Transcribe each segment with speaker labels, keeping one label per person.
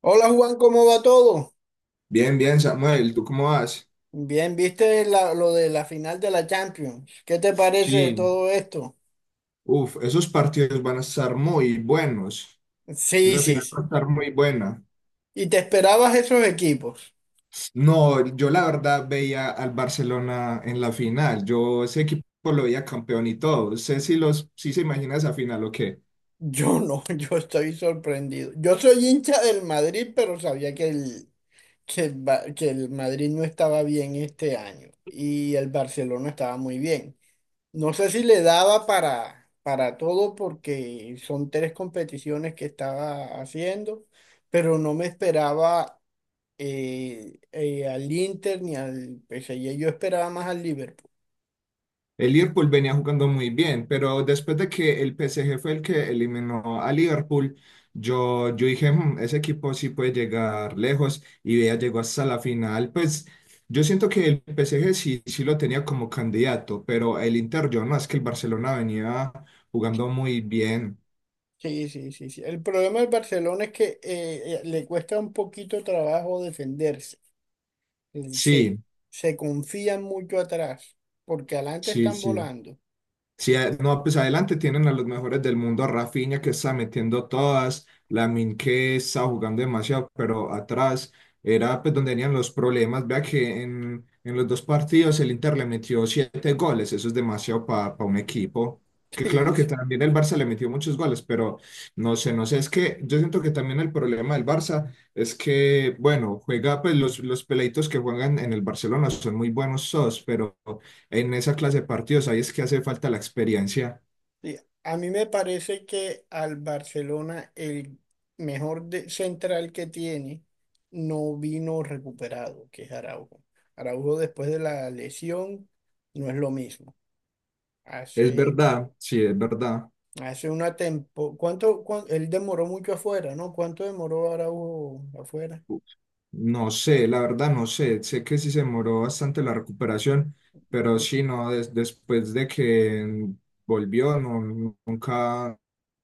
Speaker 1: Hola Juan, ¿cómo va todo?
Speaker 2: Bien, bien, Samuel, ¿tú cómo vas?
Speaker 1: Bien, ¿viste lo de la final de la Champions? ¿Qué te parece de
Speaker 2: Sí,
Speaker 1: todo esto?
Speaker 2: uf, esos partidos van a estar muy buenos.
Speaker 1: Sí,
Speaker 2: Esa
Speaker 1: sí,
Speaker 2: final va a
Speaker 1: sí.
Speaker 2: estar muy buena.
Speaker 1: ¿Y te esperabas esos equipos?
Speaker 2: No, yo la verdad veía al Barcelona en la final. Yo ese equipo lo veía campeón y todo. Sé si se imagina esa final o qué.
Speaker 1: Yo no, yo estoy sorprendido. Yo soy hincha del Madrid, pero sabía que el Madrid no estaba bien este año y el Barcelona estaba muy bien. No sé si le daba para todo porque son tres competiciones que estaba haciendo, pero no me esperaba al Inter ni al PSG. Yo esperaba más al Liverpool.
Speaker 2: El Liverpool venía jugando muy bien, pero después de que el PSG fue el que eliminó a Liverpool, yo dije, "Mm, ese equipo sí puede llegar lejos y ya llegó hasta la final." Pues yo siento que el PSG sí, sí lo tenía como candidato, pero el Inter yo no, es que el Barcelona venía jugando muy bien.
Speaker 1: Sí, sí, sí, sí. El problema del Barcelona es que le cuesta un poquito trabajo defenderse. Se,
Speaker 2: Sí,
Speaker 1: Se confían mucho atrás, porque adelante
Speaker 2: sí,
Speaker 1: están
Speaker 2: sí.
Speaker 1: volando.
Speaker 2: Sí, no, pues adelante tienen a los mejores del mundo, a Rafinha que está metiendo todas, Lamine que está jugando demasiado, pero atrás era pues donde tenían los problemas. Vea que en los dos partidos el Inter le metió siete goles, eso es demasiado para un equipo. Que claro
Speaker 1: Sí,
Speaker 2: que
Speaker 1: sí,
Speaker 2: también el Barça le metió muchos goles, pero no sé, no sé, es que yo siento que también el problema del Barça es que, bueno, juega pues los peleitos que juegan en el Barcelona son muy buenos todos, pero en esa clase de partidos, ahí es que hace falta la experiencia.
Speaker 1: sí. A mí me parece que al Barcelona el mejor central que tiene no vino recuperado, que es Araujo. Araujo después de la lesión no es lo mismo.
Speaker 2: Es
Speaker 1: Hace,
Speaker 2: verdad, sí, es verdad.
Speaker 1: Hace una tempo, él demoró mucho afuera, ¿no? ¿Cuánto demoró Araujo afuera?
Speaker 2: No sé, la verdad no sé. Sé que sí se demoró bastante la recuperación,
Speaker 1: Una
Speaker 2: pero
Speaker 1: cosa.
Speaker 2: sí, no, después de que volvió, no, nunca,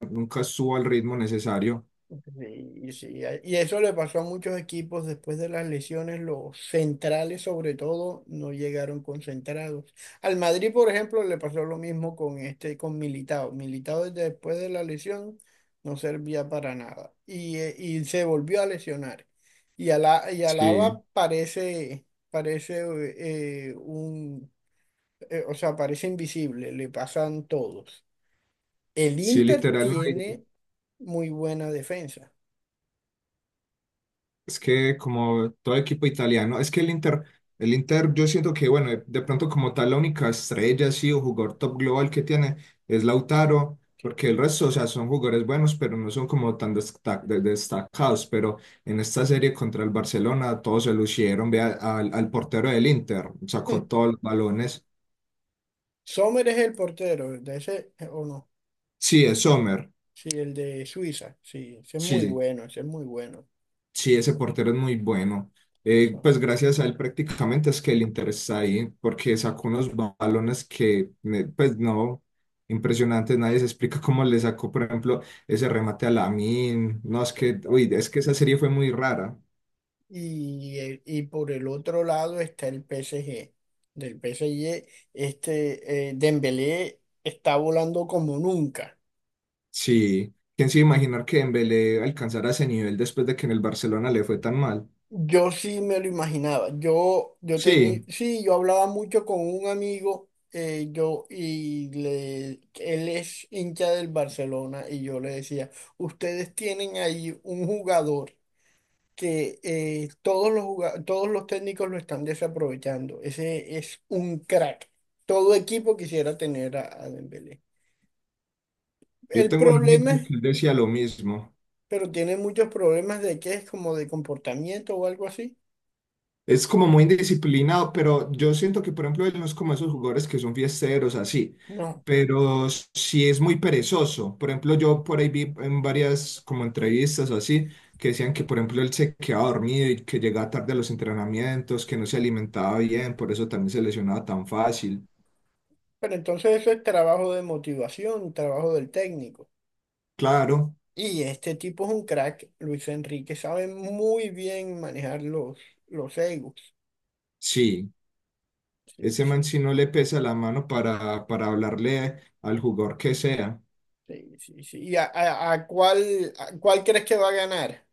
Speaker 2: nunca estuvo al ritmo necesario.
Speaker 1: Sí, sí, y eso le pasó a muchos equipos después de las lesiones, los centrales sobre todo no llegaron concentrados. Al Madrid, por ejemplo, le pasó lo mismo con este, con Militao. Militao desde después de la lesión no servía para nada y, y se volvió a lesionar. Y
Speaker 2: Sí,
Speaker 1: Alaba parece un o sea, parece invisible, le pasan todos. El
Speaker 2: sí,
Speaker 1: Inter
Speaker 2: literal, no.
Speaker 1: tiene muy buena defensa.
Speaker 2: Es que como todo equipo italiano, es que el Inter, yo siento que, bueno, de pronto como tal, la única estrella, sí, o jugador top global que tiene es Lautaro,
Speaker 1: Sí.
Speaker 2: porque el resto, o sea, son jugadores buenos, pero no son como tan destacados, pero en esta serie contra el Barcelona todos se lucieron, vea, al portero del Inter,
Speaker 1: Hmm.
Speaker 2: sacó todos los balones.
Speaker 1: Sommer es el portero, de ese o no.
Speaker 2: Sí, es Sommer,
Speaker 1: Sí, el de Suiza, sí, ese es
Speaker 2: sí.
Speaker 1: muy
Speaker 2: Sí.
Speaker 1: bueno, ese es muy bueno.
Speaker 2: Sí, ese portero es muy bueno.
Speaker 1: Eso,
Speaker 2: Pues gracias a él prácticamente es que el Inter está ahí, porque sacó unos balones que, pues no, impresionantes, nadie se explica cómo le sacó, por ejemplo, ese remate a Lamine. No, es que,
Speaker 1: tal.
Speaker 2: uy, es que esa serie fue muy rara.
Speaker 1: Y, y por el otro lado está el PSG. Del PSG, este Dembélé está volando como nunca.
Speaker 2: Sí, ¿quién se iba a imaginar que Dembélé alcanzara ese nivel después de que en el Barcelona le fue tan mal?
Speaker 1: Yo sí me lo imaginaba. Yo tenía,
Speaker 2: Sí,
Speaker 1: sí, yo hablaba mucho con un amigo, y él es hincha del Barcelona, y yo le decía, ustedes tienen ahí un jugador que todos los técnicos lo están desaprovechando. Ese es un crack. Todo equipo quisiera tener a Dembélé.
Speaker 2: yo
Speaker 1: El
Speaker 2: tengo un amigo
Speaker 1: problema es,
Speaker 2: que él decía lo mismo.
Speaker 1: pero tiene muchos problemas de que es como de comportamiento o algo así.
Speaker 2: Es como muy indisciplinado, pero yo siento que, por ejemplo, él no es como esos jugadores que son fiesteros así,
Speaker 1: No.
Speaker 2: pero sí es muy perezoso. Por ejemplo, yo por ahí vi en varias como entrevistas o así, que decían que, por ejemplo, él se quedaba dormido y que llegaba tarde a los entrenamientos, que no se alimentaba bien, por eso también se lesionaba tan fácil.
Speaker 1: Pero entonces eso es trabajo de motivación, trabajo del técnico.
Speaker 2: Claro,
Speaker 1: Y este tipo es un crack, Luis Enrique, sabe muy bien manejar los egos.
Speaker 2: sí,
Speaker 1: Sí,
Speaker 2: ese man
Speaker 1: sí,
Speaker 2: sí no le pesa la mano para hablarle al jugador que sea.
Speaker 1: sí, sí, sí. ¿Y a cuál crees que va a ganar?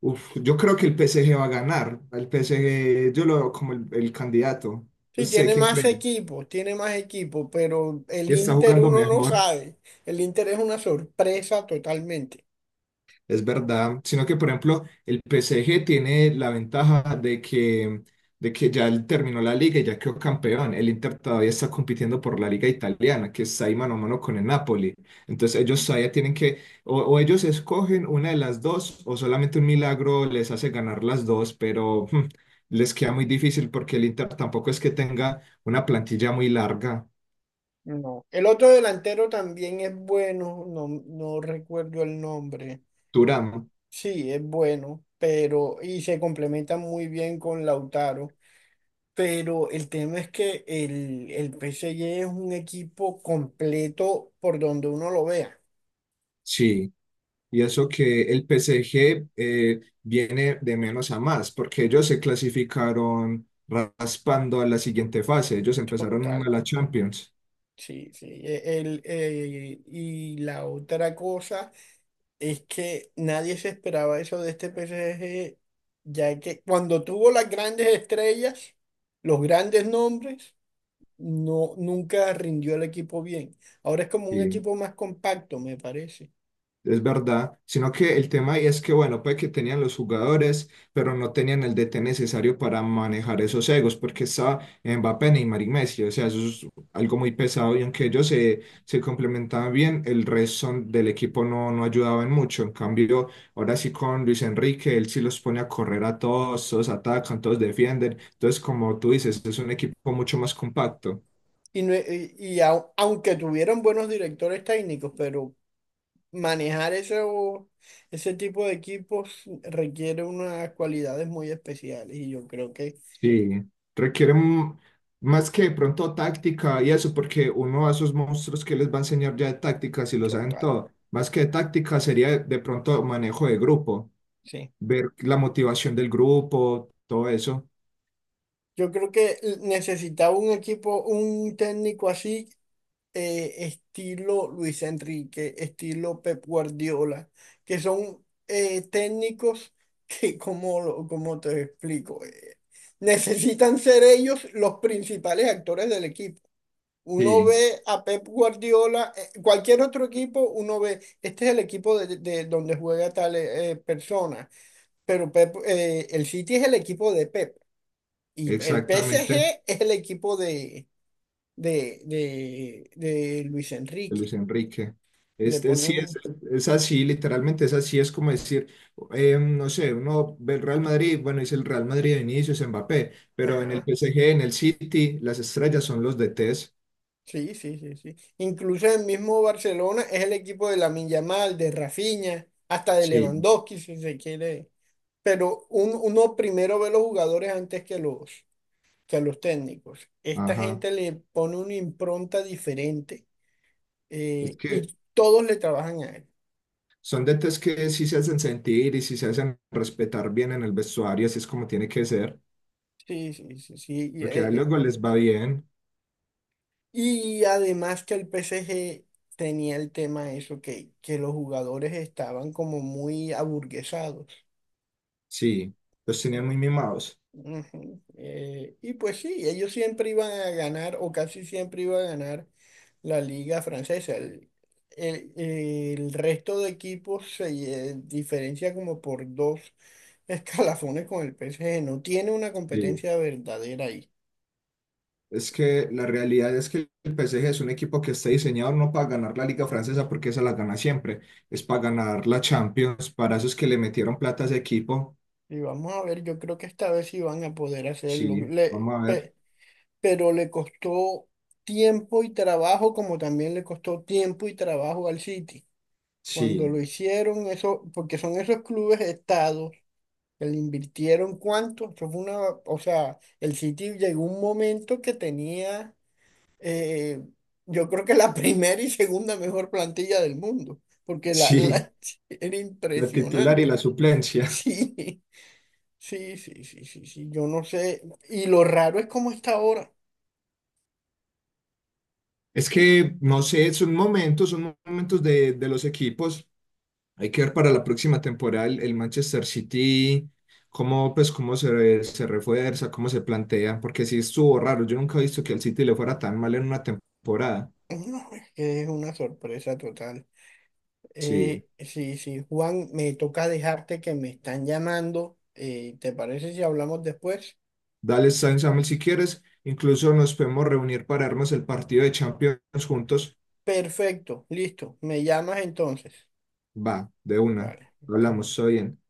Speaker 2: Uf, yo creo que el PSG va a ganar. El PSG, yo lo veo como el candidato. No
Speaker 1: Sí,
Speaker 2: sé quién cree.
Speaker 1: tiene más equipo, pero el
Speaker 2: Está
Speaker 1: Inter
Speaker 2: jugando
Speaker 1: uno no
Speaker 2: mejor.
Speaker 1: sabe. El Inter es una sorpresa totalmente.
Speaker 2: Es verdad, sino que por ejemplo el PSG tiene la ventaja de que, de, que ya él terminó la liga y ya quedó campeón. El Inter todavía está compitiendo por la
Speaker 1: Sí.
Speaker 2: liga italiana, que está ahí mano a mano con el Napoli. Entonces ellos todavía tienen que, o ellos escogen una de las dos, o solamente un milagro les hace ganar las dos, pero les queda muy difícil porque el Inter tampoco es que tenga una plantilla muy larga.
Speaker 1: No. El otro delantero también es bueno, no, no recuerdo el nombre.
Speaker 2: Durán,
Speaker 1: Sí, es bueno, pero y se complementa muy bien con Lautaro, pero el tema es que el P S G es un equipo completo por donde uno lo vea.
Speaker 2: sí. Y eso que el P PSG viene de menos a más, porque ellos se clasificaron raspando a la siguiente fase. Ellos empezaron muy
Speaker 1: Total,
Speaker 2: mal a Champions.
Speaker 1: sí, sí. Y la otra cosa es que nadie se esperaba eso de este P S G, ya que cuando tuvo las grandes estrellas, los grandes nombres, no, nunca rindió el equipo bien. Ahora es como un
Speaker 2: Sí.
Speaker 1: equipo más compacto, me parece.
Speaker 2: Es verdad, sino que el tema ahí es que, bueno, puede que tenían los jugadores, pero no tenían el DT necesario para manejar esos egos, porque estaba Mbappé, Neymar y Messi, o sea, eso es algo muy pesado, y aunque ellos se, se complementaban bien, el resto del equipo no, no ayudaban mucho, en cambio, ahora sí con Luis Enrique, él sí los pone a correr a todos, todos atacan, todos defienden, entonces, como tú dices, es un equipo mucho más compacto.
Speaker 1: Y, aunque tuvieron buenos directores técnicos, pero manejar eso, ese tipo de equipos requiere unas cualidades muy especiales y yo creo que
Speaker 2: Sí, requiere más que de pronto táctica y eso, porque uno a esos monstruos que les va a enseñar ya de táctica, si lo saben
Speaker 1: total,
Speaker 2: todo, más que de táctica sería de pronto manejo de grupo,
Speaker 1: sí.
Speaker 2: ver la motivación del grupo, todo eso.
Speaker 1: Yo creo que necesitaba un equipo, un técnico así estilo Luis Enrique, estilo Pep Guardiola, que son técnicos que, como, como te explico, necesitan ser ellos los principales actores del equipo. Uno
Speaker 2: Sí,
Speaker 1: ve a Pep Guardiola, cualquier otro equipo, uno ve, este es el equipo de donde juega tal persona, pero Pep, el City es el equipo de Pep y el
Speaker 2: exactamente,
Speaker 1: PSG es el equipo de Luis
Speaker 2: de Luis
Speaker 1: Enrique.
Speaker 2: Enrique.
Speaker 1: Le
Speaker 2: Este sí es,
Speaker 1: ponemos.
Speaker 2: es así, literalmente es así, es como decir, no sé, uno ve el Real Madrid, bueno, es el Real Madrid de inicio, es Mbappé, pero en el
Speaker 1: Ajá.
Speaker 2: PSG, en el City, las estrellas son los DTs.
Speaker 1: Sí, sí, sí, sí. Incluso el mismo Barcelona es el equipo de Lamine Yamal, de Rafinha, hasta de
Speaker 2: Sí,
Speaker 1: Lewandowski, si se quiere. Pero uno primero ve los jugadores antes que que los técnicos. Esta
Speaker 2: ajá.
Speaker 1: gente le pone una impronta diferente
Speaker 2: Es que
Speaker 1: y todos le trabajan a él.
Speaker 2: son detalles que sí se hacen sentir y sí se hacen respetar bien en el vestuario, así es como tiene que ser,
Speaker 1: Sí, sí, sí, sí.
Speaker 2: porque a luego les va bien.
Speaker 1: Y además que el PSG tenía el tema eso, que los jugadores estaban como muy aburguesados.
Speaker 2: Sí, los tenían muy mimados.
Speaker 1: Ujú. Y pues sí, ellos siempre iban a ganar o casi siempre iban a ganar la liga francesa. El resto de equipos se diferencia como por dos escalafones con el PSG. No tiene una
Speaker 2: Sí.
Speaker 1: competencia verdadera ahí.
Speaker 2: Es que la realidad es que el PSG es un equipo que está diseñado no para ganar la Liga Francesa, porque esa la gana siempre, es para ganar la Champions, para esos que le metieron plata a ese equipo.
Speaker 1: Y vamos a ver, yo creo que esta vez sí van a poder hacerlo.
Speaker 2: Sí, vamos a ver.
Speaker 1: Pero le costó tiempo y trabajo como también le costó tiempo y trabajo al City. Cuando
Speaker 2: Sí,
Speaker 1: lo hicieron, eso, porque son esos clubes estados que le invirtieron cuánto, eso fue una, o sea, el City llegó un momento que tenía, eh, yo creo que la primera y segunda mejor plantilla del mundo, porque
Speaker 2: sí,
Speaker 1: era
Speaker 2: la titular y la
Speaker 1: impresionante.
Speaker 2: suplencia.
Speaker 1: Sí, sí, sí, sí, sí, sí, yo no sé, y lo raro es cómo está ahora.
Speaker 2: Es que, no sé, son momentos de los equipos. Hay que ver para la próxima temporada el Manchester City, cómo, pues, cómo se, se refuerza, cómo se plantea, porque sí estuvo raro. Yo nunca he visto que al City le fuera tan mal en una temporada.
Speaker 1: No, es que es una sorpresa total.
Speaker 2: Sí,
Speaker 1: Sí, sí, Juan, me toca dejarte que me están llamando. ¿Te parece si hablamos después?
Speaker 2: dale, Samuel, si quieres. Incluso nos podemos reunir para armar el partido de Champions juntos.
Speaker 1: Perfecto, listo. Me llamas entonces.
Speaker 2: Va, de una.
Speaker 1: Vale, está
Speaker 2: Hablamos,
Speaker 1: bien.
Speaker 2: está bien.